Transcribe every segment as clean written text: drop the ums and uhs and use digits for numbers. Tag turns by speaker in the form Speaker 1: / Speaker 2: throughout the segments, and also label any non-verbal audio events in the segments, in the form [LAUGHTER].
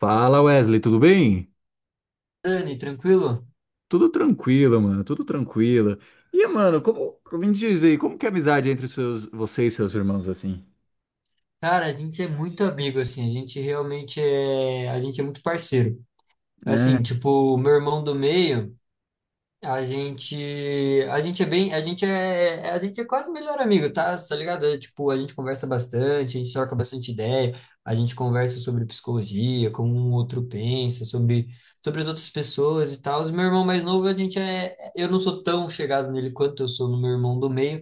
Speaker 1: Fala Wesley, tudo bem?
Speaker 2: Dani, tranquilo?
Speaker 1: Tudo tranquilo, mano, tudo tranquilo. E, mano, como me diz aí, como que é a amizade entre os seus, você e seus irmãos assim?
Speaker 2: Cara, a gente é muito amigo, assim, a gente realmente é, a gente é muito parceiro. Assim,
Speaker 1: É.
Speaker 2: tipo, o meu irmão do meio, a gente, a gente é bem, a gente é quase melhor amigo, tá? Tá ligado? É, tipo, a gente conversa bastante, a gente troca bastante ideia, a gente conversa sobre psicologia, como um outro pensa, sobre as outras pessoas e tal. O meu irmão mais novo, eu não sou tão chegado nele quanto eu sou no meu irmão do meio.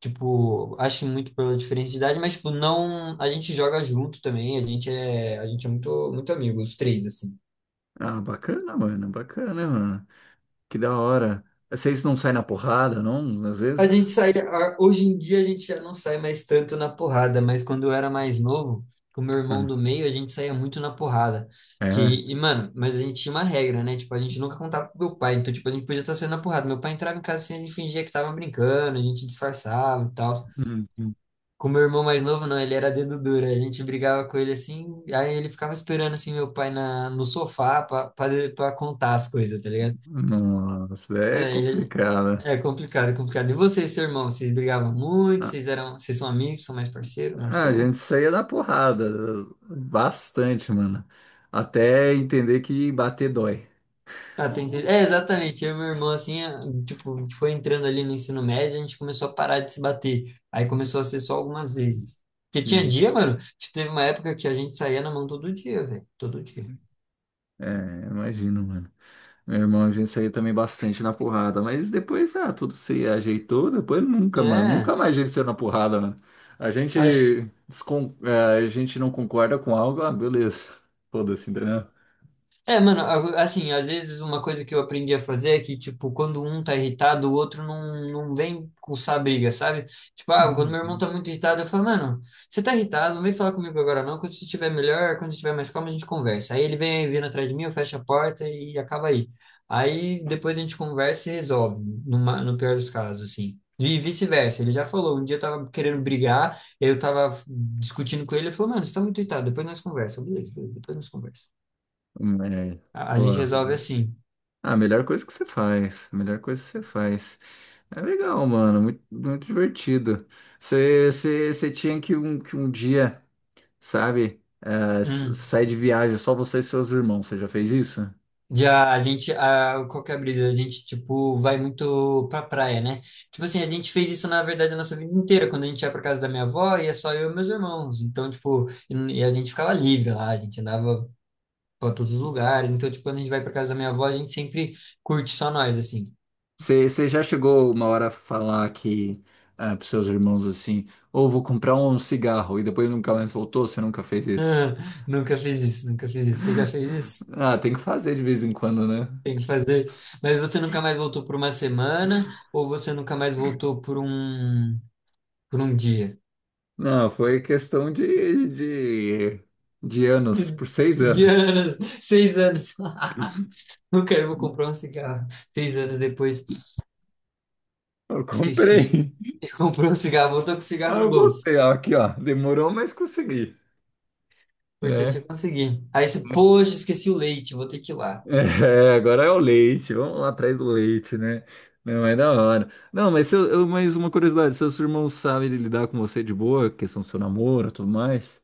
Speaker 2: Tipo, acho que muito pela diferença de idade, mas, tipo, não. A gente joga junto também, a gente é muito, muito amigo, os três, assim.
Speaker 1: Ah, bacana, mano, bacana, mano. Que da hora. Vocês não saem na porrada, não? Às
Speaker 2: A gente
Speaker 1: vezes?
Speaker 2: sai. Hoje em dia a gente já não sai mais tanto na porrada, mas quando eu era mais novo, com o meu irmão do meio, a gente saía muito na porrada. Que,
Speaker 1: É.
Speaker 2: Mano, mas a gente tinha uma regra, né? Tipo, a gente nunca contava pro meu pai, então, tipo, a gente podia estar saindo na porrada. Meu pai entrava em casa assim, a gente fingia que tava brincando, a gente disfarçava e tal.
Speaker 1: Hum.
Speaker 2: Com meu irmão mais novo, não, ele era dedo duro. A gente brigava com ele assim, aí ele ficava esperando assim meu pai no sofá para contar as coisas, tá ligado?
Speaker 1: Nossa, é
Speaker 2: É, ele-
Speaker 1: complicado.
Speaker 2: É complicado, é complicado. E vocês, seu irmão, vocês brigavam muito?
Speaker 1: Ah,
Speaker 2: Vocês são amigos, são mais parceiros, não
Speaker 1: a
Speaker 2: são?
Speaker 1: gente saía na porrada bastante, mano. Até entender que bater dói.
Speaker 2: Ah, é, exatamente. Eu e meu irmão, assim, é, tipo, foi entrando ali no ensino médio, a gente começou a parar de se bater. Aí começou a ser só algumas vezes. Porque tinha
Speaker 1: Sim.
Speaker 2: dia, mano, tipo, teve uma época que a gente saía na mão todo dia, velho. Todo dia.
Speaker 1: É, imagino, mano. Meu irmão, a gente saiu também bastante na porrada, mas depois, ah, tudo se ajeitou, depois nunca, mano, nunca
Speaker 2: É.
Speaker 1: mais a gente saiu na porrada, mano. A gente,
Speaker 2: Acho,
Speaker 1: a gente não concorda com algo, ah, beleza, [LAUGHS] foda-se, entendeu?
Speaker 2: É, mano, assim, às vezes uma coisa que eu aprendi a fazer é que, tipo, quando um tá irritado, o outro não, não vem coçar a briga, sabe? Tipo, quando meu
Speaker 1: Hum.
Speaker 2: irmão tá muito irritado, eu falo, mano, você tá irritado, não vem falar comigo agora não, quando você estiver melhor, quando você estiver mais calmo, a gente conversa. Aí ele vem vindo atrás de mim, eu fecho a porta e acaba aí. Aí depois a gente conversa e resolve, no pior dos casos, assim. E vice-versa, ele já falou, um dia eu tava querendo brigar, eu tava discutindo com ele, ele falou, mano, você tá muito irritado, depois nós conversa, beleza, beleza, depois nós conversa.
Speaker 1: É,
Speaker 2: A gente resolve
Speaker 1: pô,
Speaker 2: assim.
Speaker 1: ah, a melhor coisa que você faz, a melhor coisa que você faz. É legal, mano, muito, muito divertido. Você tinha que um dia, sabe, s-
Speaker 2: Hum.
Speaker 1: sair de viagem só você e seus irmãos, você já fez isso?
Speaker 2: Já a gente, qual que é a brisa? A gente, tipo, vai muito pra praia, né? Tipo assim, a gente fez isso, na verdade, a nossa vida inteira. Quando a gente ia pra casa da minha avó, ia só eu e meus irmãos. Então, tipo, e a gente ficava livre lá, a gente andava pra todos os lugares. Então, tipo, quando a gente vai pra casa da minha avó, a gente sempre curte só nós, assim. [LAUGHS]
Speaker 1: Você já chegou uma hora a falar que ah, pros seus irmãos assim, ou vou comprar um cigarro e depois nunca mais voltou? Você nunca fez isso?
Speaker 2: Ah, nunca fiz isso, nunca fiz isso. Você já fez isso?
Speaker 1: Ah, tem que fazer de vez em quando, né?
Speaker 2: Tem que fazer. Mas você nunca mais voltou por uma semana ou você nunca mais voltou por um dia?
Speaker 1: Não, foi questão de anos,
Speaker 2: De,
Speaker 1: por seis
Speaker 2: de
Speaker 1: anos.
Speaker 2: anos, 6 anos. [LAUGHS] Nunca eu vou comprar um cigarro. 6 anos depois,
Speaker 1: Eu
Speaker 2: esqueci.
Speaker 1: comprei. [LAUGHS]
Speaker 2: E comprei [LAUGHS] um cigarro, voltou com o cigarro
Speaker 1: Ah,
Speaker 2: no
Speaker 1: eu
Speaker 2: bolso.
Speaker 1: voltei, ah, aqui ó, demorou, mas consegui,
Speaker 2: O importante é
Speaker 1: né?
Speaker 2: conseguir. Aí você, poxa, esqueci o leite, vou ter que ir lá.
Speaker 1: É, agora é o leite, vamos lá atrás do leite, né? Não, é da hora. Não, mas, seu, eu- mas uma curiosidade, seus irmãos sabem lidar com você de boa, questão do seu namoro e tudo mais?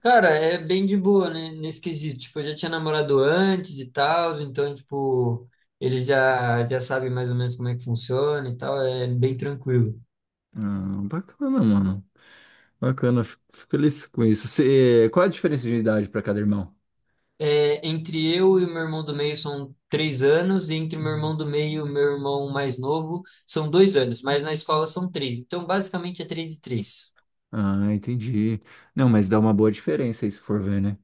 Speaker 2: Cara, é bem de boa, né? Nesse quesito. Tipo, eu já tinha namorado antes e tal, então, tipo, eles já sabem mais ou menos como é que funciona e tal, é bem tranquilo.
Speaker 1: Ah, bacana, mano. Bacana, fico feliz com isso. Você, qual a diferença de idade para cada irmão?
Speaker 2: É, entre eu e o meu irmão do meio são 3 anos, e entre o meu irmão do meio e o meu irmão mais novo são 2 anos, mas na escola são três. Então, basicamente, é três e três.
Speaker 1: Ah, entendi. Não, mas dá uma boa diferença aí se for ver, né?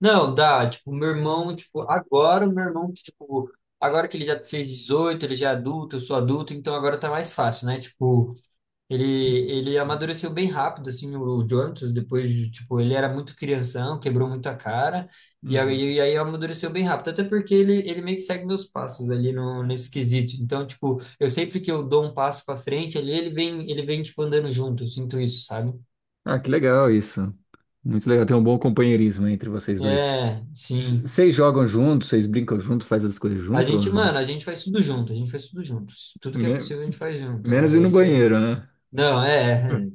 Speaker 2: Não, dá, tipo, meu irmão, tipo, agora o meu irmão, tipo, agora que ele já fez 18 ele já é adulto, eu sou adulto, então agora tá mais fácil, né? Tipo, Ele, ele amadureceu bem rápido, assim, o Jonathan, depois, de, tipo, ele era muito crianção, quebrou muito a cara, e
Speaker 1: Uhum.
Speaker 2: aí, e aí amadureceu bem rápido, até porque ele meio que segue meus passos ali no, nesse quesito. Então, tipo, eu sempre que eu dou um passo para frente, ali ele vem, tipo, andando junto, eu sinto isso, sabe?
Speaker 1: Ah, que legal isso. Muito legal, tem um bom companheirismo entre vocês dois.
Speaker 2: É,
Speaker 1: C-
Speaker 2: sim.
Speaker 1: Vocês jogam juntos, vocês brincam junto, fazem as coisas
Speaker 2: A
Speaker 1: junto?
Speaker 2: gente, mano, a gente faz tudo junto, a gente faz tudo juntos. Tudo que é
Speaker 1: Né?
Speaker 2: possível a gente faz junto.
Speaker 1: Menos ir
Speaker 2: É
Speaker 1: no
Speaker 2: isso.
Speaker 1: banheiro, né?
Speaker 2: Não, é.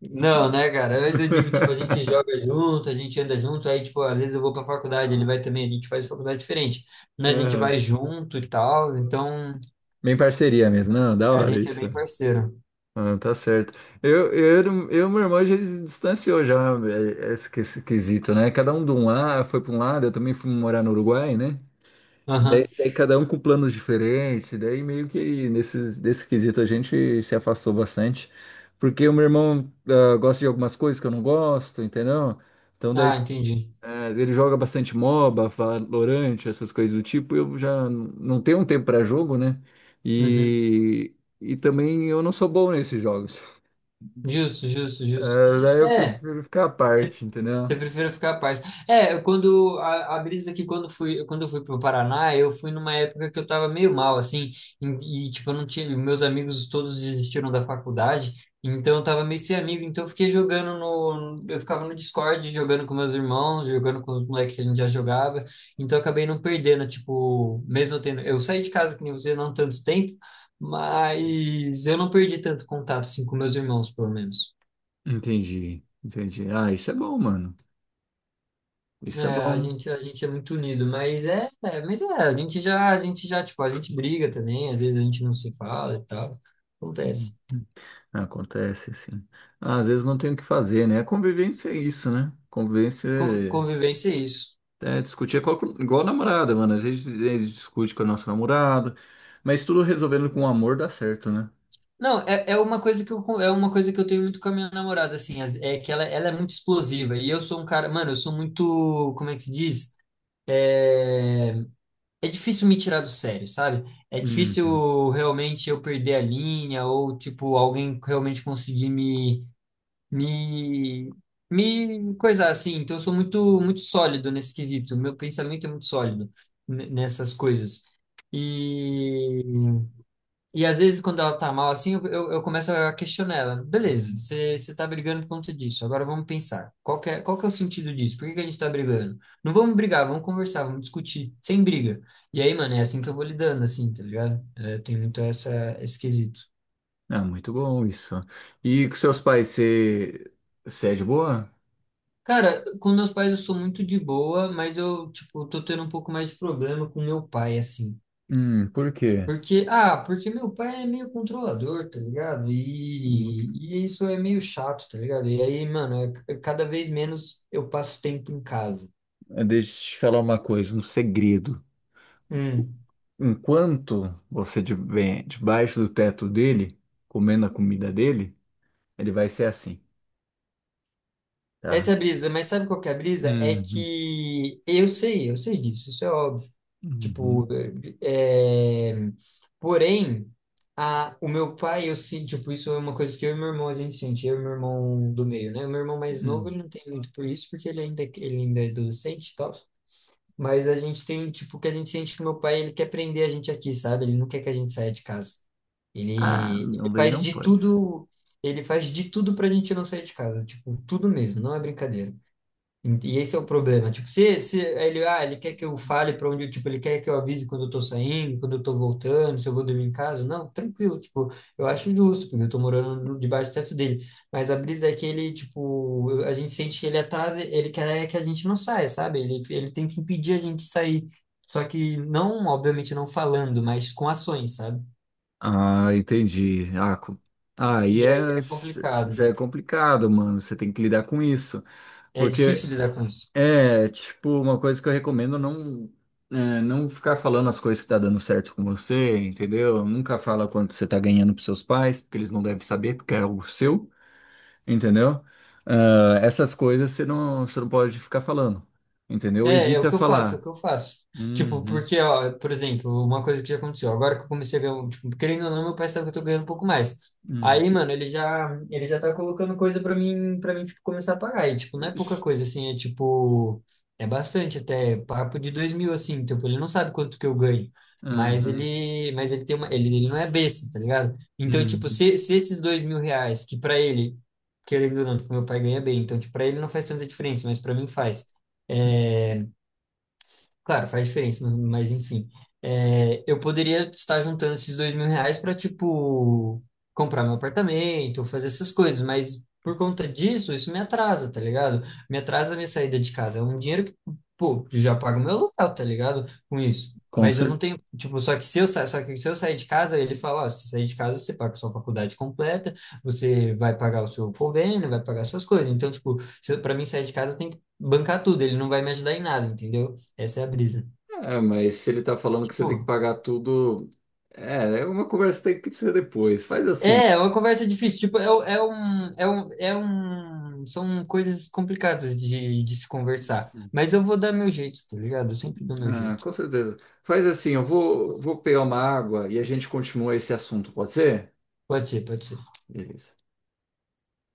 Speaker 2: Não, né, cara? Às vezes eu digo, tipo, a gente
Speaker 1: [LAUGHS]
Speaker 2: joga junto, a gente anda junto, aí, tipo, às vezes eu vou pra faculdade, ele vai também, a gente faz faculdade diferente, né? A gente
Speaker 1: Aham.
Speaker 2: vai junto e tal, então
Speaker 1: Bem parceria mesmo. Não, da
Speaker 2: a
Speaker 1: hora
Speaker 2: gente é bem
Speaker 1: isso.
Speaker 2: parceiro.
Speaker 1: Ah, tá certo. Eu, eu, eu e meu irmão já se distanciou já é, é esse, que- esse quesito, né? Cada um de um lado, foi para um lado, eu também fui morar no Uruguai, né? Daí,
Speaker 2: Aham.
Speaker 1: daí cada um com planos diferentes, daí meio que nesse, nesse quesito a gente se afastou bastante, porque o meu irmão ah, gosta de algumas coisas que eu não gosto, entendeu? Então daí
Speaker 2: Ah, entendi.
Speaker 1: é, ele joga bastante MOBA, Valorant, essas coisas do tipo. Eu já n- não tenho um tempo para jogo, né?
Speaker 2: Uhum.
Speaker 1: E, e também eu não sou bom nesses jogos. [LAUGHS]
Speaker 2: Justo, justo, justo.
Speaker 1: É, daí eu
Speaker 2: É,
Speaker 1: prefiro ficar à parte, entendeu?
Speaker 2: você prefere ficar à paz. É, quando a brisa que quando eu fui pro Paraná, eu fui numa época que eu tava meio mal assim, e, tipo, eu não tinha, meus amigos todos desistiram da faculdade, então eu tava meio sem amigo, então eu fiquei jogando no, eu ficava no Discord jogando com meus irmãos, jogando com os moleques que a gente já jogava, então eu acabei não perdendo, tipo, mesmo eu tendo, eu saí de casa que nem você não tanto tempo, mas eu não perdi tanto contato assim com meus irmãos, pelo menos.
Speaker 1: Entendi, entendi. Ah, isso é bom, mano.
Speaker 2: É,
Speaker 1: Isso é
Speaker 2: a
Speaker 1: bom.
Speaker 2: gente, a gente é muito unido, mas a gente já, tipo, a gente briga também, às vezes a gente não se fala e tal.
Speaker 1: Hum.
Speaker 2: Acontece.
Speaker 1: Acontece assim. Ah, às vezes não tem o que fazer, né? Convivência é isso, né? Convivência
Speaker 2: Convivência é isso.
Speaker 1: é, discutia qual- igual a namorada, mano. Às vezes eles discutem com a nossa namorada, mas tudo resolvendo com amor dá certo, né?
Speaker 2: Não, é uma coisa que é uma coisa que eu tenho muito com a minha namorada, assim, é que ela é muito explosiva e eu sou um cara, mano, eu sou muito, como é que se diz? É, é difícil me tirar do sério, sabe? É
Speaker 1: Hum.
Speaker 2: difícil realmente eu perder a linha ou, tipo, alguém realmente conseguir me me coisar assim. Então eu sou muito muito sólido nesse quesito. Meu pensamento é muito sólido nessas coisas. E e às vezes quando ela tá mal assim, eu começo a questionar ela. Beleza, você tá brigando por conta disso. Agora vamos pensar. Qual que é o sentido disso? Por que que a gente tá brigando? Não vamos brigar, vamos conversar, vamos discutir, sem briga. E aí, mano, é assim que eu vou lidando assim, tá ligado? É, tem muito essa esse quesito.
Speaker 1: Ah, muito bom isso. E com seus pais, você, você é de boa?
Speaker 2: Cara, com meus pais eu sou muito de boa, mas eu, tipo, tô tendo um pouco mais de problema com meu pai, assim.
Speaker 1: Por quê?
Speaker 2: Porque meu pai é meio controlador, tá ligado?
Speaker 1: Hum,
Speaker 2: E isso é meio chato, tá ligado? E aí, mano, é cada vez menos eu passo tempo em casa.
Speaker 1: Deixa eu te falar uma coisa, um segredo.
Speaker 2: Hum.
Speaker 1: Enquanto você estiver debaixo do teto dele, comendo a comida dele, ele vai ser assim,
Speaker 2: Essa é
Speaker 1: tá?
Speaker 2: a brisa, mas sabe qual que é a brisa? É
Speaker 1: Uhum.
Speaker 2: que eu sei disso, isso é óbvio. Tipo,
Speaker 1: Uhum.
Speaker 2: é... porém, o meu pai, eu sinto, tipo, isso é uma coisa que eu e meu irmão a gente sente, eu e meu irmão do meio, né? O meu irmão mais novo,
Speaker 1: Uhum.
Speaker 2: ele não tem muito por isso, porque ele ainda é adolescente e tal. Mas a gente tem, tipo, que a gente sente que meu pai, ele quer prender a gente aqui, sabe? Ele não quer que a gente saia de casa.
Speaker 1: Ah,
Speaker 2: Ele, ele
Speaker 1: não, daí
Speaker 2: faz
Speaker 1: não
Speaker 2: de
Speaker 1: pode.
Speaker 2: tudo, Ele faz de tudo pra gente não sair de casa, tipo, tudo mesmo, não é brincadeira. E esse é o problema. Tipo, se ele quer que eu fale para onde, tipo, ele quer que eu avise quando eu tô saindo, quando eu tô voltando, se eu vou dormir em casa, não, tranquilo, tipo, eu acho justo, porque eu tô morando debaixo do teto dele. Mas a brisa é que ele, tipo, a gente sente que ele atrasa, ele quer que a gente não saia, sabe? Ele tenta impedir a gente de sair. Só que não, obviamente, não falando, mas com ações, sabe?
Speaker 1: Ah, entendi. Ah, co- ah, e
Speaker 2: E aí
Speaker 1: é,
Speaker 2: é complicado.
Speaker 1: já é complicado, mano. Você tem que lidar com isso.
Speaker 2: É difícil
Speaker 1: Porque
Speaker 2: lidar com isso.
Speaker 1: é, tipo, uma coisa que eu recomendo não, é, não ficar falando as coisas que tá dando certo com você, entendeu? Nunca fala quanto você tá ganhando pros seus pais, porque eles não devem saber, porque é algo seu, entendeu? Ah, essas coisas você não pode ficar falando, entendeu?
Speaker 2: É o
Speaker 1: Evita
Speaker 2: que eu faço, é o
Speaker 1: falar.
Speaker 2: que eu faço. Tipo,
Speaker 1: Uhum,
Speaker 2: porque, ó, por exemplo, uma coisa que já aconteceu, agora que eu comecei a ganhar, tipo, querendo ou não, meu pai sabe que eu tô ganhando um pouco mais.
Speaker 1: uhum,
Speaker 2: Aí, mano, ele já tá colocando coisa pra mim, para mim, tipo, começar a pagar. E, tipo, não é pouca
Speaker 1: isso,
Speaker 2: coisa, assim, é bastante até, papo de 2.000, assim, tipo, ele não sabe quanto que eu ganho.
Speaker 1: aham,
Speaker 2: Mas ele tem uma, ele não é besta, tá ligado? Então, tipo,
Speaker 1: uhum.
Speaker 2: se esses R$ 2.000, que pra ele, querendo ou não, tipo, meu pai ganha bem, então, tipo, pra ele não faz tanta diferença, mas pra mim faz.
Speaker 1: Hum,
Speaker 2: Claro, faz diferença, mas enfim. É, eu poderia estar juntando esses R$ 2.000 para, tipo, comprar meu apartamento, fazer essas coisas, mas por conta disso, isso me atrasa, tá ligado? Me atrasa a minha saída de casa. É um dinheiro que, pô, eu já pago meu aluguel, tá ligado? Com isso.
Speaker 1: com
Speaker 2: Mas eu não
Speaker 1: certeza.
Speaker 2: tenho, tipo, só que se eu sair de casa, ele fala, ó, se sair de casa, você paga sua faculdade completa, você vai pagar o seu convênio, vai pagar suas coisas. Então, tipo, se, eu- pra mim sair de casa, eu tenho que bancar tudo, ele não vai me ajudar em nada, entendeu? Essa é a brisa.
Speaker 1: É, mas se ele tá falando que você tem que
Speaker 2: Tipo,
Speaker 1: pagar tudo, é, é uma conversa que tem que ser depois. Faz assim,
Speaker 2: é uma conversa difícil. Tipo, são coisas complicadas de se conversar.
Speaker 1: uhum.
Speaker 2: Mas eu vou dar meu jeito, tá ligado? Eu sempre dou meu
Speaker 1: Ah,
Speaker 2: jeito.
Speaker 1: com certeza. Faz assim, eu vou, vou pegar uma água e a gente continua esse assunto, pode ser?
Speaker 2: Pode ser, pode ser.
Speaker 1: Beleza.